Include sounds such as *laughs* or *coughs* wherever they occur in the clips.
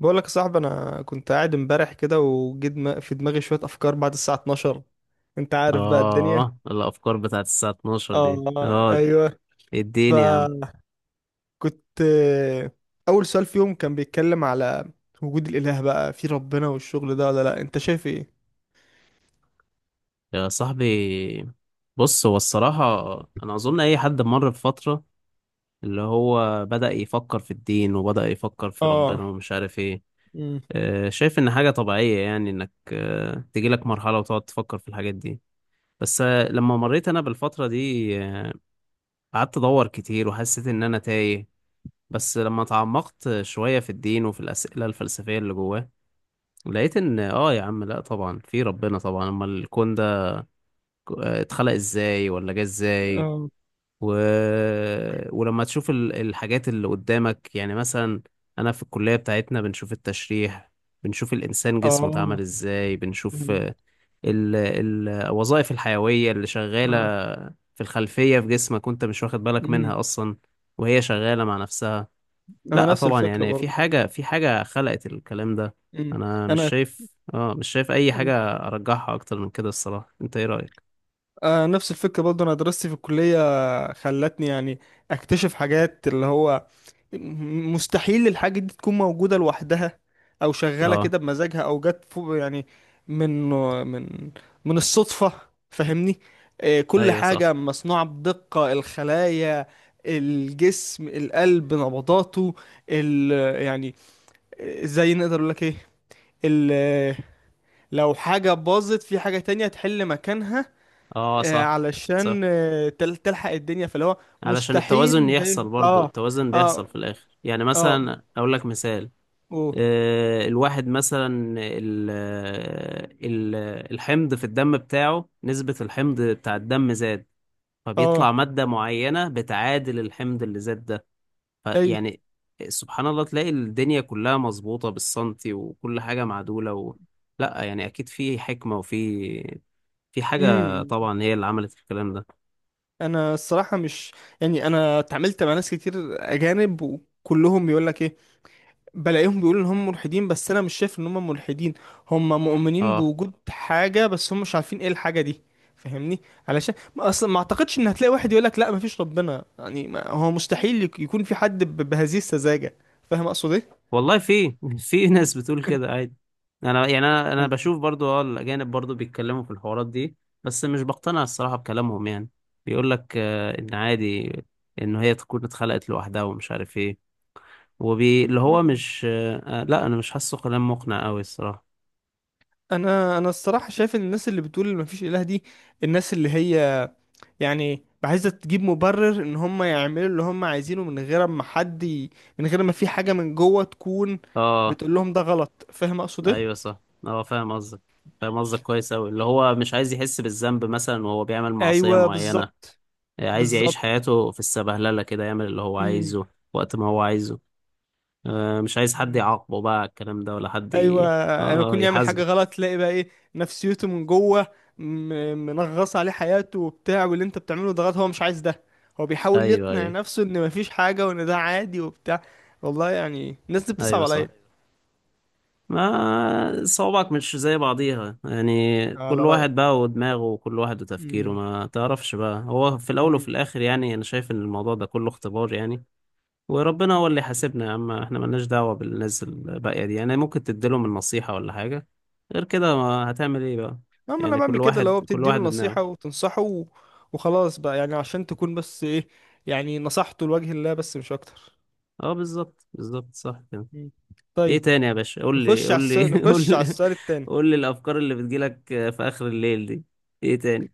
بقول لك يا صاحبي، انا كنت قاعد امبارح كده وجيت في دماغي شويه افكار بعد الساعه 12. انت عارف بقى الدنيا. اه، الافكار بتاعت الساعة 12 دي، اه. اه. ايوه. اديني يا عم. فكنت اول سؤال فيهم كان بيتكلم على وجود الاله، بقى في ربنا والشغل ده ولا لا؟ انت شايف ايه؟ يا صاحبي، بص، هو الصراحة، انا اظن اي حد مر بفترة اللي هو بدأ يفكر في الدين وبدأ يفكر في اه. ربنا ومش عارف ايه. امم. شايف ان حاجة طبيعية، يعني انك تجيلك مرحلة وتقعد تفكر في الحاجات دي. بس لما مريت انا بالفترة دي قعدت ادور كتير وحسيت ان انا تايه. بس لما تعمقت شوية في الدين وفي الأسئلة الفلسفية اللي جواه، لقيت ان، اه، يا عم، لا طبعا في ربنا طبعا. امال الكون ده اتخلق ازاي ولا جه ازاي؟ اه. و... ولما تشوف الحاجات اللي قدامك، يعني مثلا انا في الكلية بتاعتنا بنشوف التشريح، بنشوف الانسان جسمه اتعمل اه. ازاي، بنشوف مم. الوظائف الحيوية اللي اه. شغالة في الخلفية في جسمك وانت مش واخد بالك امم. منها اصلا، وهي شغالة مع نفسها. انا لا نفس طبعا، الفكره يعني في برضه. حاجة، خلقت الكلام ده. امم. انا مش انا شايف، اه، مش شايف اي حاجة ارجحها اكتر من كده الصراحة. انت ايه رأيك؟ آه نفس الفكره برضه. انا دراستي في الكليه خلتني يعني اكتشف حاجات اللي هو مستحيل الحاجة دي تكون موجودة لوحدها، أو شغالة اه كده بمزاجها، أو جت فوق يعني من من من الصدفة. فاهمني؟ آه، كل ايوه صح. حاجة مصنوعة بدقة: الخلايا، الجسم، القلب نبضاته، ال يعني، زي نقدر أقول لك إيه، ال آه، لو حاجة باظت في حاجة تانية تحل مكانها، اه صح صح. علشان تلحق الدنيا، فاللي هو علشان التوازن مستحيل ده. يحصل برضو، اه. التوازن بيحصل اه. في الاخر، يعني اه. مثلا اقول لك مثال. أوه. الواحد مثلا، ال ال الحمض في الدم بتاعه، نسبة الحمض بتاع الدم زاد، اه. فبيطلع مادة معينة بتعادل الحمض اللي زاد ده. ايوه. فيعني، سبحان الله، تلاقي الدنيا كلها مظبوطة بالسنتي وكل حاجة معدولة لا يعني أكيد في حكمة وفي، في حاجة امم. طبعا هي اللي عملت الكلام ده. انا الصراحه مش، يعني انا اتعاملت مع ناس كتير اجانب وكلهم بيقول لك ايه، بلاقيهم بيقولوا ان هم ملحدين. بس انا مش شايف ان هم ملحدين. هم مؤمنين اه بوجود حاجه، بس هم مش عارفين ايه الحاجه دي. فاهمني؟ علشان ما اصلا ما اعتقدش ان هتلاقي واحد يقول لك لا مفيش ربنا، يعني ما هو مستحيل يكون في حد بهذه السذاجه. فاهم اقصد ايه؟ والله، في *laughs* في ناس بتقول كده عادي. أنا يعني، أنا بشوف برضو، اه، الأجانب برضو بيتكلموا في الحوارات دي، بس مش بقتنع الصراحة بكلامهم يعني. بيقول لك إن عادي، إن هي تكون اتخلقت لوحدها ومش عارف إيه. اللي هو مم. مش لا، أنا مش حاسه كلام مقنع أوي الصراحة. انا الصراحه شايف ان الناس اللي بتقول ما فيش اله دي، الناس اللي هي يعني عايزة تجيب مبرر ان هم يعملوا اللي هم عايزينه من غير ما حد ي...، من غير ما في حاجة من جوه تكون اه بتقول لهم ده غلط. فاهم اقصد ايه؟ ايوه صح. هو فاهم قصدك، فاهم قصدك كويس اوي، اللي هو مش عايز يحس بالذنب مثلا وهو بيعمل معصية ايوه معينة. بالظبط. عايز يعيش بالظبط. حياته في السبهللة كده، يعمل اللي هو مم. عايزه وقت ما هو عايزه. مش عايز حد مم. يعاقبه بقى على الكلام ده، ولا حد ايوه. انا اه، يكون يعمل حاجة يحاسبه. غلط، تلاقي بقى ايه نفسيته من جوه، منغص عليه حياته وبتاع، واللي انت بتعمله ده غلط، هو مش عايز ده. هو بيحاول ايوه يقنع ايوه. نفسه ان مفيش حاجة وان ده عادي وبتاع. والله يعني الناس دي بتصعب ايوه عليا. صح. ما صوابعك مش زي بعضيها يعني، على كل رأيك. واحد بقى ودماغه، وكل واحد وتفكيره، مم. ما تعرفش بقى، هو في الاول وفي الاخر يعني انا شايف ان الموضوع ده كله اختبار يعني. وربنا هو اللي يحاسبنا يا عم، احنا ملناش دعوة بالناس الباقية دي، يعني ممكن تديلهم النصيحة ولا حاجة، غير كده ما هتعمل ايه بقى؟ اما انا يعني بعمل كل كده، اللي هو واحد كل بتديله واحد دماغه. نصيحة وتنصحه و- وخلاص بقى، يعني عشان تكون بس ايه، يعني نصحته لوجه الله بس مش اكتر. اه بالظبط بالظبط صح كده. مم. ايه طيب، تاني يا باشا؟ قول لي نخش على قول السؤال، لي *laughs* قول نخش على لي. السؤال التاني. قول لي الافكار اللي بتجيلك في اخر الليل دي، ايه تاني؟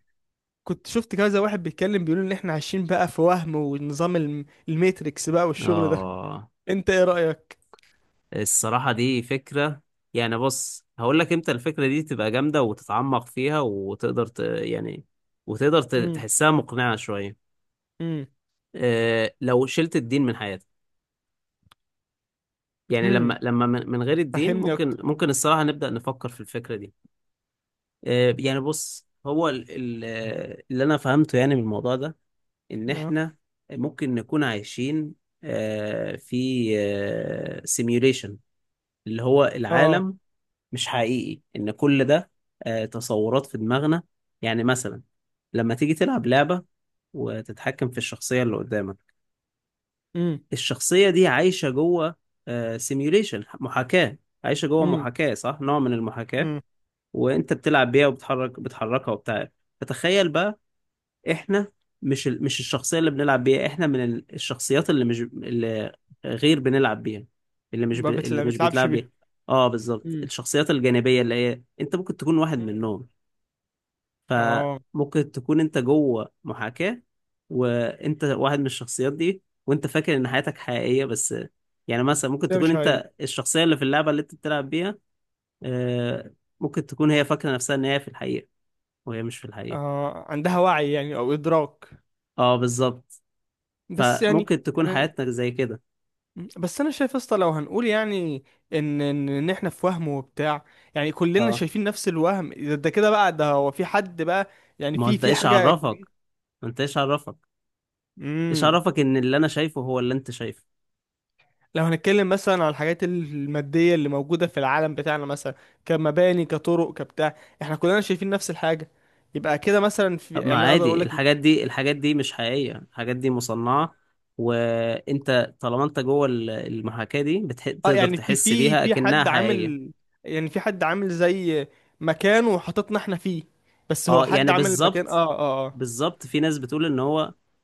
كنت شفت كذا واحد بيتكلم بيقول ان احنا عايشين بقى في وهم ونظام الميتريكس بقى والشغل ده. اه، انت ايه رأيك؟ الصراحة دي فكرة. يعني بص، هقول لك امتى الفكرة دي تبقى جامدة وتتعمق فيها وتقدر يعني وتقدر امم. تحسها مقنعة شوية. امم. لو شلت الدين من حياتك، يعني امم. لما من غير الدين، فهمني ممكن، اكتر. الصراحة نبدأ نفكر في الفكرة دي. يعني بص، هو اللي أنا فهمته يعني من الموضوع ده، إن اه. إحنا ممكن نكون عايشين في سيميوليشن، اللي هو اه. العالم مش حقيقي، إن كل ده تصورات في دماغنا. يعني مثلا لما تيجي تلعب لعبة وتتحكم في الشخصية اللي قدامك، امم. الشخصية دي عايشة جوه سيميوليشن، محاكاة، عايشة جوه امم. محاكاة، صح، نوع من المحاكاة. امم. وانت بتلعب بيها، بتحركها وبتاع. فتخيل بقى، احنا مش مش الشخصية اللي بنلعب بيها، احنا من الشخصيات اللي مش اللي غير بنلعب بيها، اللي مش ما اللي بتلع- مش بتلعبش بيتلعب بيها. بيها. اه بالظبط، امم. الشخصيات الجانبية اللي هي انت ممكن تكون واحد منهم. اه. فممكن تكون انت جوه محاكاة، وانت واحد من الشخصيات دي، وانت فاكر ان حياتك حقيقية بس. يعني مثلا ممكن ده تكون مش هي. انت الشخصية اللي في اللعبة اللي انت بتلعب بيها. آه، ممكن تكون هي فاكرة نفسها ان هي في الحقيقة، وهي مش في الحقيقة. اه عندها وعي يعني او ادراك. اه بالظبط. بس يعني فممكن تكون أنا- حياتك زي كده. بس انا شايف يا اسطى، لو هنقول يعني ان إن احنا في وهم وبتاع، يعني كلنا اه، شايفين نفس الوهم ده، ده كده بقى ده هو في حد بقى، يعني ما هو في انت في ايش حاجه عرفك، كبيره. ما انت ايش عرفك، ايش امم. عرفك ان اللي انا شايفه هو اللي انت شايفه؟ لو هنتكلم مثلا على الحاجات الماديه اللي موجوده في العالم بتاعنا، مثلا كمباني كطرق كبتاع، احنا كلنا شايفين نفس الحاجه، يبقى كده مثلا في طب يعني، ما انا اقدر اقول عادي، لك الحاجات دي، الحاجات دي مش حقيقية، الحاجات دي مصنعة، وانت طالما انت جوه المحاكاة دي اه تقدر يعني في تحس في بيها في اكنها حد حقيقية. عامل، يعني في حد عامل زي مكان وحطتنا احنا فيه، بس هو اه حد يعني عامل المكان اه. بالظبط، اه. اه. بالظبط. في ناس بتقول ان هو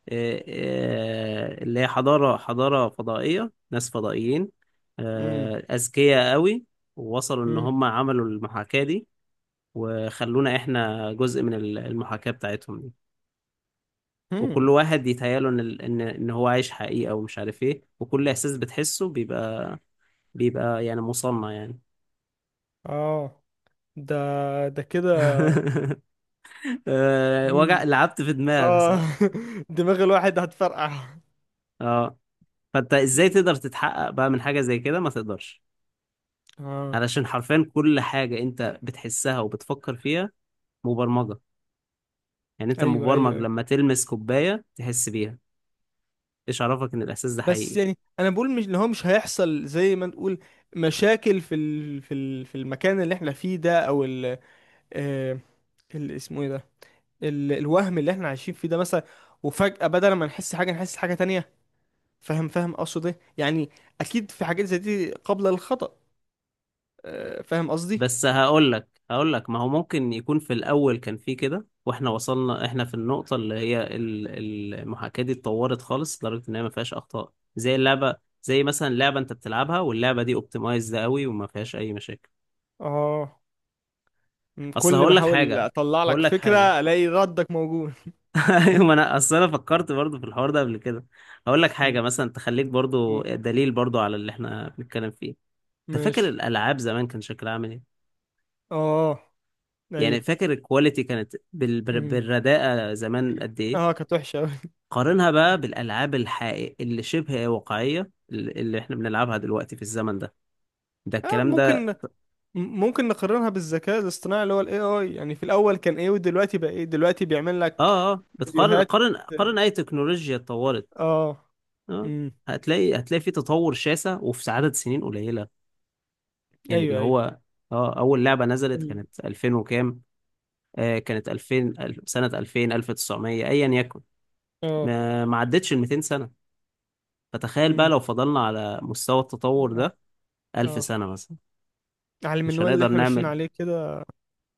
اللي هي حضارة، فضائية، ناس فضائيين، امم. أذكياء قوي، ووصلوا ان امم. هم عملوا المحاكاة دي، وخلونا احنا جزء من المحاكاة بتاعتهم دي. وكل امم. واحد يتهيأله ان هو عايش حقيقة ومش عارف ايه، وكل احساس بتحسه بيبقى، يعني مصنع يعني. اه. ده. ده كده. *laughs* وجع امم. لعبت في دماغك اه. صح. *laughs* دماغ الواحد هتفرقع. اه، فانت ازاي مم. تقدر تتحقق بقى من حاجة زي كده؟ ما تقدرش. اه. علشان حرفيا كل حاجة انت بتحسها وبتفكر فيها مبرمجة. يعني انت ايوه. ايوه. مبرمج، أيوة. لما تلمس كوباية تحس بيها. ايش عرفك ان الاحساس ده بس حقيقي؟ يعني انا بقول مش اللي هو مش هيحصل، زي ما نقول مشاكل في ال... في ال... في المكان اللي احنا فيه ده او ال... آه... ال... اسمه ايه ده، ال... الوهم اللي احنا عايشين فيه ده مثلا، وفجأة بدل ما نحس حاجة نحس حاجة تانية. فاهم؟ فاهم اقصد ايه يعني؟ اكيد في حاجات زي دي قابلة للخطأ. آه... فاهم قصدي؟ بس هقول لك، ما هو ممكن يكون في الاول كان في كده، واحنا وصلنا احنا في النقطه اللي هي المحاكاه دي اتطورت خالص لدرجه ان هي ما فيهاش اخطاء زي اللعبه، زي مثلا لعبه انت بتلعبها واللعبه دي اوبتمايزد قوي وما فيهاش اي مشاكل. اه. مم، اصل كل ما هقول لك احاول حاجه اطلع لك هقول لك حاجه فكرة الاقي ردك موجود. *laughs* ايوه، ما انا اصل انا فكرت برضو في الحوار ده قبل كده. هقول لك مم، حاجه مثلا تخليك برضو أوه، دليل برضو على اللي احنا بنتكلم فيه. انت فاكر ماشي. الالعاب زمان كان شكلها عامل ايه؟ اه. يعني ايوه. فاكر الكواليتي كانت مم. بالرداءه زمان قد ايه؟ اه كانت وحشة أوي. قارنها بقى بالالعاب الحقيقية اللي شبه واقعيه، اللي احنا بنلعبها دلوقتي في الزمن ده، ده آه الكلام ممكن، ده. ممكن نقارنها بالذكاء الاصطناعي اللي هو الاي اي، يعني في الاول كان ايه ودلوقتي بقى ايه، دلوقتي بيعمل لك اه اه، بتقارن، فيديوهات. قارن قارن اي تكنولوجيا اتطورت، اه. اه امم. هتلاقي، في تطور شاسع وفي عدد سنين قليله. يعني اللي ايوه ايوه. هو، اه، اول لعبه نزلت ال- كانت 2000 وكام، آه، كانت 2000، سنه 2000، 1900، ايا يكن، اه. ما ما عدتش ال 200 سنه. فتخيل بقى امم. لو فضلنا على مستوى التطور اه. ده 1000 آه. سنه مثلا، على مش المنوال اللي هنقدر احنا ماشيين نعمل، عليه كده،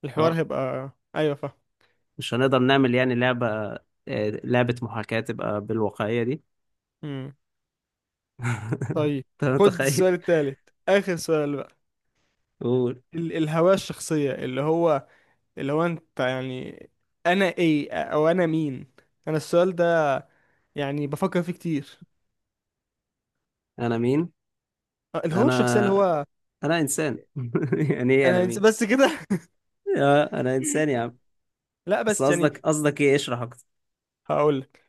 الحوار اه، هيبقى. ايوه فاهم. مش هنقدر نعمل يعني لعبة، لعبة محاكاة تبقى بالواقعية دي. امم. *laughs* طيب، انت خد متخيل؟ السؤال التالت، اخر سؤال بقى. قول، الهوية الشخصية، اللي هو اللي هو انت يعني، انا ايه او انا مين. انا السؤال ده يعني بفكر فيه كتير. انا مين؟ آه، الهوية الشخصية اللي انا، هو انا انسان *laughs* يعني ايه انا انا مين؟ بس كده. *laughs* انا انسان يا عم. لا بس بس يعني، قصدك، قصدك ايه؟ اشرح اكتر. هقولك،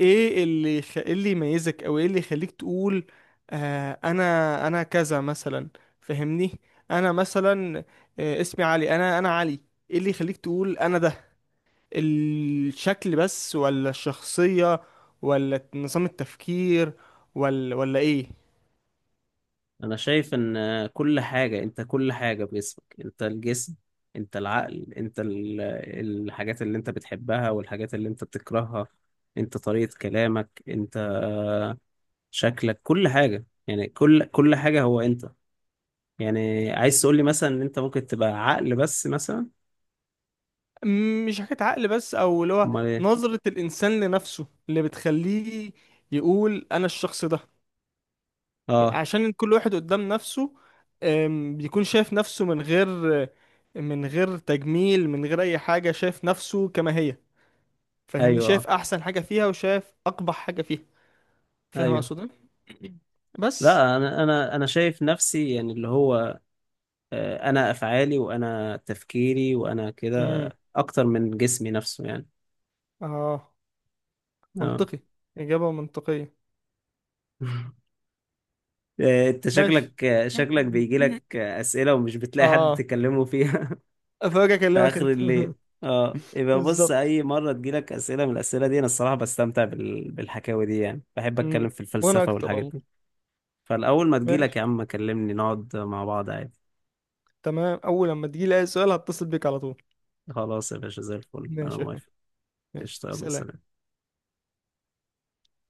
ايه اللي خ... إيه اللي يميزك او ايه اللي يخليك تقول آه انا، انا كذا مثلا. فهمني، انا مثلا آه اسمي علي، انا علي. ايه اللي يخليك تقول انا ده؟ الشكل بس ولا الشخصية ولا نظام التفكير ولا ايه؟ انا شايف ان كل حاجة انت، كل حاجة بجسمك، انت الجسم، انت العقل، انت الحاجات اللي انت بتحبها والحاجات اللي انت بتكرهها، انت طريقة كلامك، انت شكلك، كل حاجة يعني، كل حاجة هو انت. يعني عايز تقول لي مثلا ان انت ممكن تبقى عقل بس مثلا؟ مش حكاية عقل بس، او اللي هو امال ايه؟ نظرة الانسان لنفسه اللي بتخليه يقول انا الشخص ده. اه عشان كل واحد قدام نفسه، بيكون شايف نفسه من غير، من غير تجميل، من غير اي حاجة، شايف نفسه كما هي. فاهمني؟ ايوه، شايف احسن حاجة فيها وشايف اقبح حاجة فيها. فاهم ايوه. اقصد إيه؟ *coughs* بس. لا انا، انا شايف نفسي يعني اللي هو انا افعالي، وانا تفكيري، وانا كده، امم. اكتر من جسمي نفسه يعني. اه. اه. منطقي. إجابة منطقية. *laughs* انت ماشي. شكلك، *laughs* شكلك بيجي لك اسئله ومش بتلاقي حد اه. تكلمه فيها. افرجك *laughs* في اكلمك اخر انت. الليل. *laughs* اه يبقى بص، بالظبط. اي مره تجيلك اسئله من الاسئله دي، انا الصراحه بستمتع بال... بالحكاوي دي، يعني بحب مم. اتكلم في وانا الفلسفه اكتر والحاجات والله. دي. فالأول ما تجيلك ماشي يا عم كلمني، نقعد مع بعض عادي. تمام، اول لما تجي لي اي سؤال هتصل بيك على طول. خلاص يا باشا، زي الفل، أنا ماشي يا اخويا. موافق. ماشي قشطة، يلا سلام. سلام.